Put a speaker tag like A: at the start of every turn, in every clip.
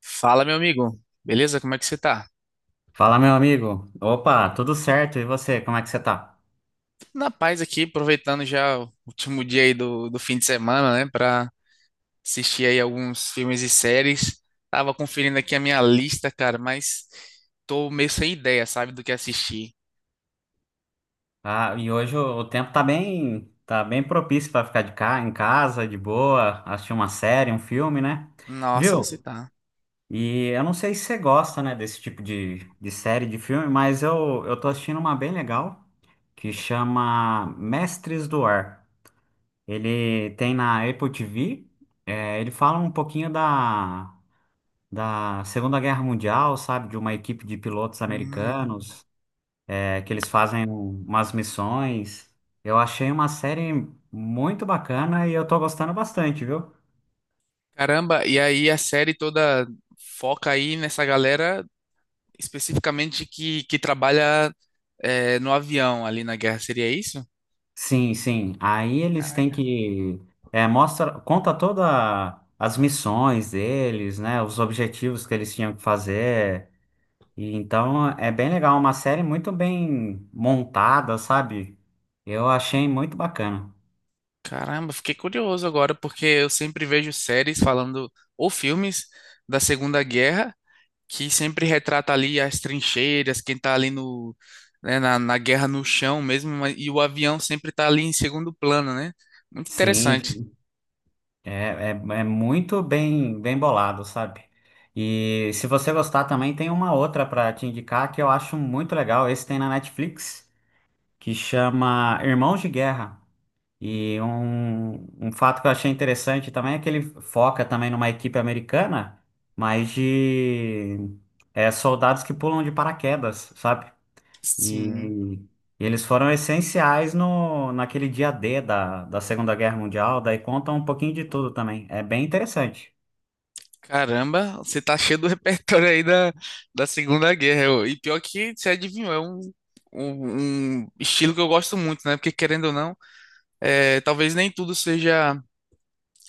A: Fala, meu amigo. Beleza? Como é que você tá?
B: Fala, meu amigo. Opa, tudo certo? E você, como é que você tá?
A: Tudo na paz aqui, aproveitando já o último dia aí do fim de semana, né? Pra assistir aí alguns filmes e séries. Tava conferindo aqui a minha lista, cara, mas tô meio sem ideia, sabe, do que assistir.
B: Ah, e hoje o tempo tá bem propício para ficar em casa, de boa, assistir uma série, um filme, né?
A: Nossa, você
B: Viu?
A: tá.
B: E eu não sei se você gosta, né, desse tipo de série, de filme, mas eu tô assistindo uma bem legal que chama Mestres do Ar. Ele tem na Apple TV, é, ele fala um pouquinho da Segunda Guerra Mundial, sabe? De uma equipe de pilotos
A: Hum.
B: americanos. É que eles fazem umas missões. Eu achei uma série muito bacana e eu tô gostando bastante, viu?
A: Caramba, e aí a série toda foca aí nessa galera especificamente que trabalha no avião ali na guerra, seria isso?
B: Sim, sim. Aí eles têm que é, mostra, conta toda as missões deles, né? Os objetivos que eles tinham que fazer. E então é bem legal, uma série muito bem montada, sabe? Eu achei muito bacana.
A: Caramba, fiquei curioso agora, porque eu sempre vejo séries falando, ou filmes da Segunda Guerra, que sempre retrata ali as trincheiras, quem tá ali no, né, na guerra no chão mesmo, mas e o avião sempre tá ali em segundo plano, né? Muito
B: Sim,
A: interessante.
B: é, é muito bem, bem bolado, sabe? E se você gostar também, tem uma outra para te indicar que eu acho muito legal. Esse tem na Netflix, que chama Irmãos de Guerra. E um fato que eu achei interessante também é que ele foca também numa equipe americana, mas de é, soldados que pulam de paraquedas, sabe?
A: Sim.
B: E eles foram essenciais no, naquele dia D da Segunda Guerra Mundial, daí conta um pouquinho de tudo também. É bem interessante.
A: Caramba, você tá cheio do repertório aí da, da Segunda Guerra. E pior que você adivinhou, um estilo que eu gosto muito, né? Porque querendo ou não, é, talvez nem tudo seja.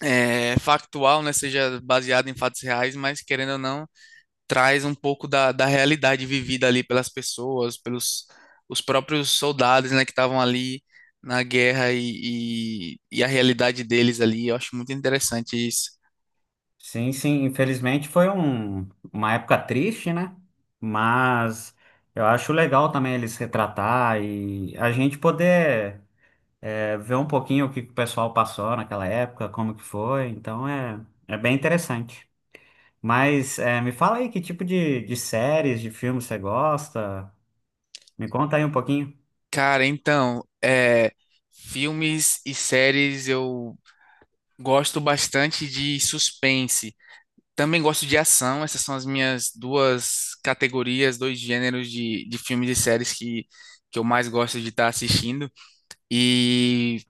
A: É factual, né, seja baseado em fatos reais, mas querendo ou não, traz um pouco da, da realidade vivida ali pelas pessoas, pelos os próprios soldados, né, que estavam ali na guerra e a realidade deles ali. Eu acho muito interessante isso.
B: Sim, sim, infelizmente foi um, uma época triste, né? Mas eu acho legal também eles retratar e a gente poder é, ver um pouquinho o que que o pessoal passou naquela época, como que foi. Então é, é bem interessante. Mas é, me fala aí que tipo de séries, de filmes você gosta? Me conta aí um pouquinho.
A: Cara, então, é, filmes e séries eu gosto bastante de suspense. Também gosto de ação, essas são as minhas duas categorias, dois gêneros de filmes e séries que eu mais gosto de estar assistindo. E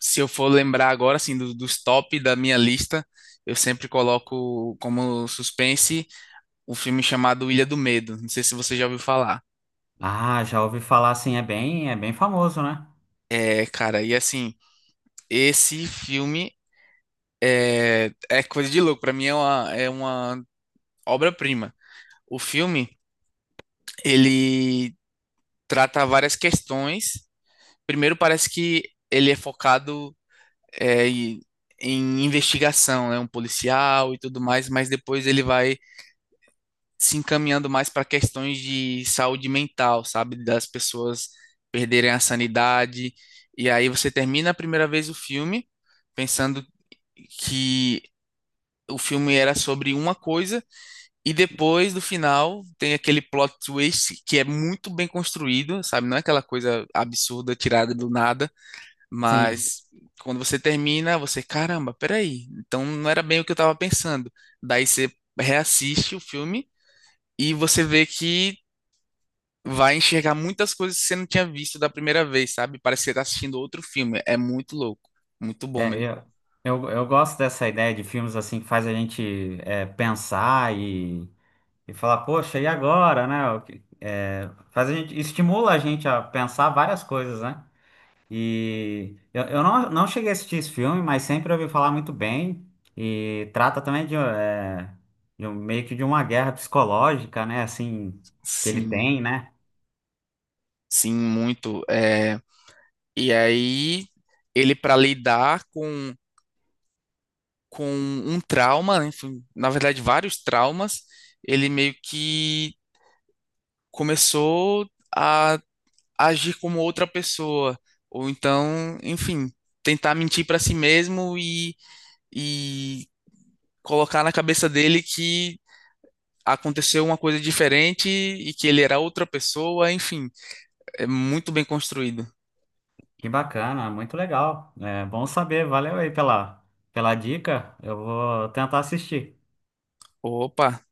A: se eu for lembrar agora, assim, dos top da minha lista, eu sempre coloco como suspense um filme chamado Ilha do Medo. Não sei se você já ouviu falar.
B: Ah, já ouvi falar, sim, é bem famoso, né?
A: É, cara, e assim, esse filme é coisa de louco. Pra mim é é uma obra-prima. O filme, ele trata várias questões. Primeiro, parece que ele é focado em em investigação, né? Um policial e tudo mais, mas depois ele vai se encaminhando mais para questões de saúde mental, sabe? Das pessoas perderem a sanidade. E aí você termina a primeira vez o filme pensando que o filme era sobre uma coisa, e depois do final tem aquele plot twist que é muito bem construído, sabe? Não é aquela coisa absurda tirada do nada.
B: Sim,
A: Mas quando você termina, você, caramba, peraí. Então não era bem o que eu tava pensando. Daí você reassiste o filme e você vê que vai enxergar muitas coisas que você não tinha visto da primeira vez, sabe? Parece que você tá assistindo outro filme. É muito louco. Muito bom
B: é,
A: mesmo.
B: eu gosto dessa ideia de filmes assim que faz a gente é, pensar e falar, poxa, e agora, né? O que- é, faz a gente, estimula a gente a pensar várias coisas, né? E eu não, não cheguei a assistir esse filme, mas sempre ouvi falar muito bem e trata também de, é, de um- meio que de uma guerra psicológica, né? Assim, que ele tem,
A: Sim,
B: né?
A: sim, muito. É... E aí, ele para lidar com um trauma, enfim, na verdade, vários traumas, ele meio que começou a agir como outra pessoa, ou então, enfim, tentar mentir para si mesmo e colocar na cabeça dele que aconteceu uma coisa diferente e que ele era outra pessoa, enfim, é muito bem construído.
B: Que bacana, muito legal. É bom saber, valeu aí pela, pela dica. Eu vou tentar assistir.
A: Opa,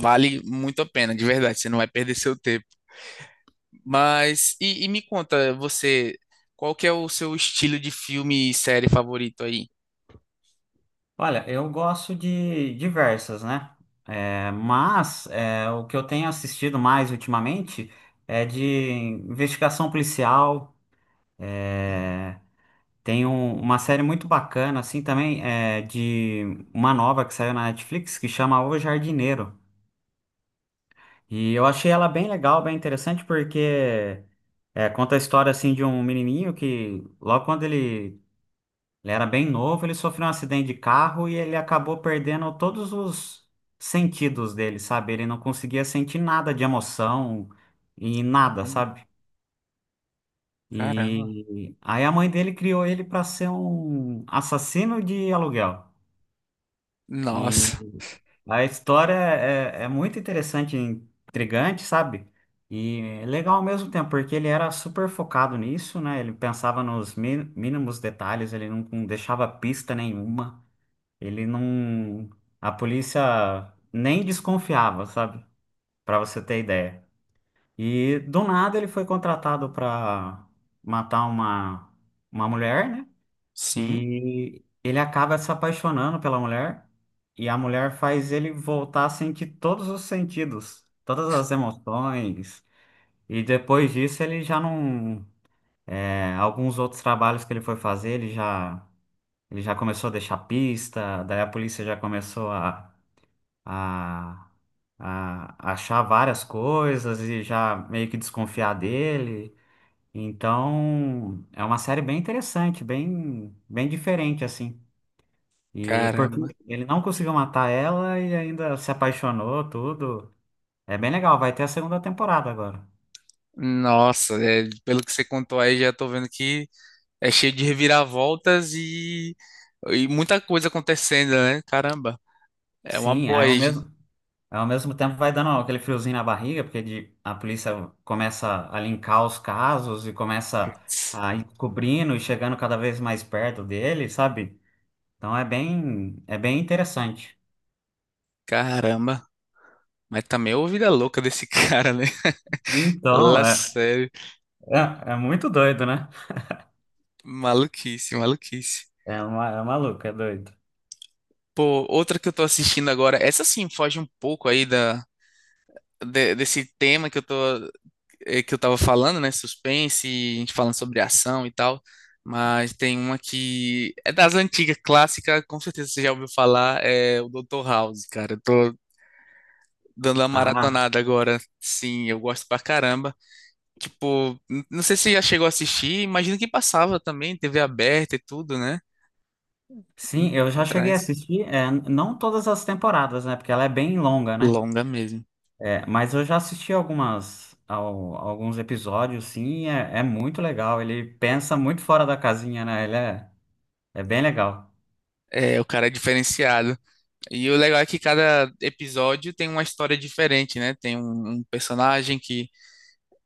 A: vale muito a pena, de verdade, você não vai perder seu tempo. Mas, e me conta, você, qual que é o seu estilo de filme e série favorito aí?
B: Olha, eu gosto de diversas, né? É, mas é, o que eu tenho assistido mais ultimamente é de investigação policial. Tem um- uma série muito bacana, assim, também, é, de uma nova que saiu na Netflix que chama O Jardineiro. E eu achei ela bem legal, bem interessante, porque é, conta a história, assim, de um menininho que, logo quando ele ele era bem novo, ele sofreu um acidente de carro e ele acabou perdendo todos os sentidos dele, sabe? Ele não conseguia sentir nada de emoção e nada, sabe?
A: Caramba.
B: E aí a mãe dele criou ele para ser um assassino de aluguel. E
A: Nossa.
B: a história é, é muito interessante, intrigante, sabe? E é legal ao mesmo tempo, porque ele era super focado nisso, né? Ele pensava nos mi- mínimos detalhes, ele não deixava pista nenhuma. Ele não. A polícia nem desconfiava, sabe? Pra você ter ideia. E do nada ele foi contratado pra matar uma mulher, né?
A: Sim.
B: E ele acaba se apaixonando pela mulher. E a mulher faz ele voltar a sentir todos os sentidos, todas as emoções. E depois disso ele já não. É, alguns outros trabalhos que ele foi fazer, ele já começou a deixar pista, daí a polícia já começou a, a achar várias coisas e já meio que desconfiar dele. Então, é uma série bem interessante, bem, bem diferente, assim. E porque
A: Caramba.
B: ele não conseguiu matar ela e ainda se apaixonou, tudo. É bem legal, vai ter a segunda temporada agora.
A: Nossa, é, pelo que você contou aí, já tô vendo que é cheio de reviravoltas e muita coisa acontecendo, né? Caramba. É uma
B: Sim,
A: boa aí, gente.
B: aí ao mesmo tempo vai dando aquele friozinho na barriga, porque de- a polícia começa a linkar os casos e começa a ir cobrindo e chegando cada vez mais perto dele, sabe? Então é bem interessante.
A: Caramba. Mas também é a vida louca desse cara, né?
B: Então,
A: Lá
B: é,
A: sério.
B: é muito doido, né?
A: Maluquice, maluquice.
B: É, uma, é maluco, é doido.
A: Pô, outra que eu tô assistindo agora, essa sim foge um pouco aí da, desse tema que eu tô, que eu tava falando, né? Suspense, a gente falando sobre ação e tal. Mas tem uma que é das antigas, clássica, com certeza você já ouviu falar, é o Dr. House, cara. Eu tô dando uma
B: Ah,
A: maratonada agora. Sim, eu gosto pra caramba. Tipo, não sei se você já chegou a assistir, imagino que passava também, TV aberta e tudo, né?
B: sim, eu já cheguei a
A: Atrás.
B: assistir, é, não todas as temporadas, né? Porque ela é bem longa, né?
A: Longa mesmo.
B: É, mas eu já assisti algumas, ao- alguns episódios, sim, e é, é muito legal. Ele pensa muito fora da casinha, né? Ele é, é bem legal.
A: É, o cara é diferenciado. E o legal é que cada episódio tem uma história diferente, né? Um personagem que,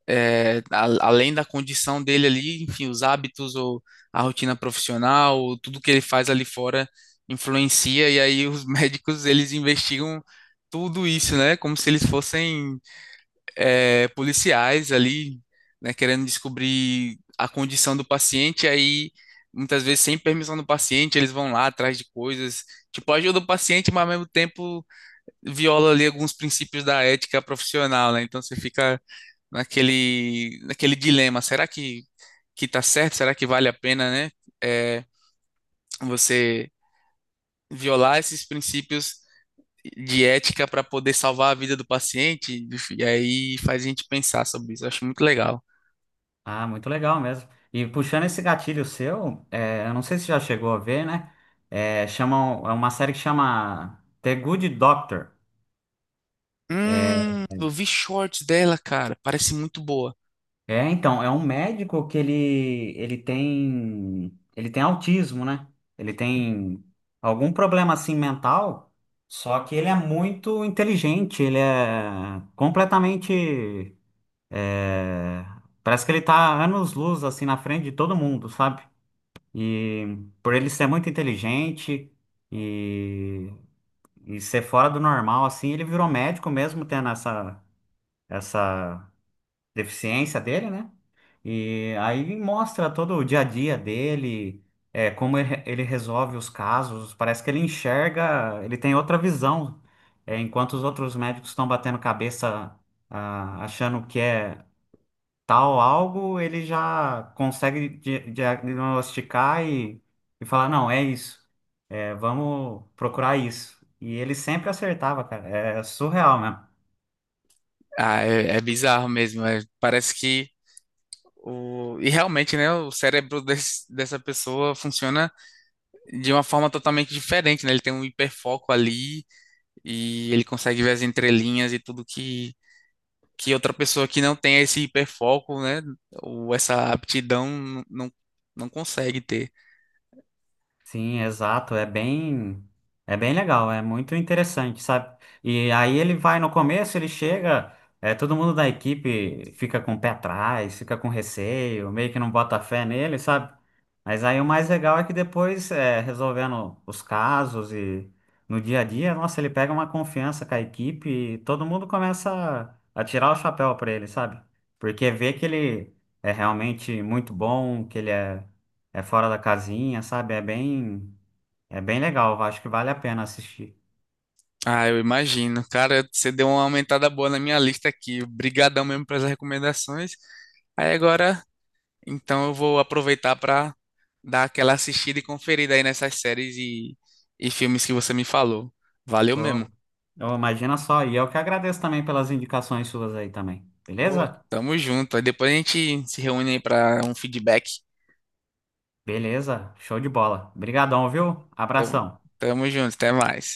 A: é, além da condição dele ali, enfim, os hábitos ou a rotina profissional, tudo que ele faz ali fora influencia. E aí os médicos, eles investigam tudo isso, né? Como se eles fossem, é, policiais ali, né? Querendo descobrir a condição do paciente. Aí, muitas vezes, sem permissão do paciente, eles vão lá atrás de coisas. Tipo, ajuda o paciente, mas ao mesmo tempo viola ali alguns princípios da ética profissional, né? Então você fica naquele dilema, será que tá certo? Será que vale a pena, né? É, você violar esses princípios de ética para poder salvar a vida do paciente? E aí faz a gente pensar sobre isso. Eu acho muito legal.
B: Ah, muito legal mesmo. E puxando esse gatilho seu, é, eu não sei se já chegou a ver, né? É, chamam, é uma série que chama The Good Doctor. É,
A: Eu vi shorts dela, cara. Parece muito boa.
B: é, então, é um médico que ele tem, ele tem autismo, né? Ele tem algum problema assim mental, só que ele é muito inteligente, ele é completamente, é, parece que ele tá anos-luz assim na frente de todo mundo, sabe? E por ele ser muito inteligente e, e ser fora do normal, assim, ele virou médico mesmo tendo essa, essa deficiência dele, né? E aí mostra todo o dia a dia dele, é, como ele resolve os casos. Parece que ele enxerga, ele tem outra visão, é, enquanto os outros médicos estão batendo cabeça, ah, achando que é tal algo, ele já consegue di- diagnosticar e falar, não, é isso. É, vamos procurar isso. E ele sempre acertava, cara. É surreal mesmo.
A: Ah, é, é bizarro mesmo. Parece que E realmente, né, o cérebro dessa pessoa funciona de uma forma totalmente diferente, né? Ele tem um hiperfoco ali e ele consegue ver as entrelinhas e tudo que outra pessoa que não tem esse hiperfoco, né? Ou essa aptidão não consegue ter.
B: Sim, exato, é bem legal, é muito interessante, sabe? E aí ele vai no começo, ele chega, é, todo mundo da equipe fica com o pé atrás, fica com receio, meio que não bota fé nele, sabe? Mas aí o mais legal é que depois, é, resolvendo os casos e no dia a dia, nossa, ele pega uma confiança com a equipe e todo mundo começa a tirar o chapéu pra ele, sabe? Porque vê que ele é realmente muito bom, que ele é é fora da casinha, sabe? É bem legal. Eu acho que vale a pena assistir.
A: Ah, eu imagino. Cara, você deu uma aumentada boa na minha lista aqui. Obrigadão mesmo pelas recomendações. Aí agora, então eu vou aproveitar para dar aquela assistida e conferida aí nessas séries e filmes que você me falou. Valeu
B: Oh,
A: mesmo.
B: oh, imagina só. E eu que agradeço também pelas indicações suas aí também.
A: Pô,
B: Beleza?
A: tamo junto. Aí depois a gente se reúne aí pra um feedback.
B: Beleza. Show de bola. Obrigadão, viu?
A: Tamo,
B: Abração.
A: tamo junto, até mais.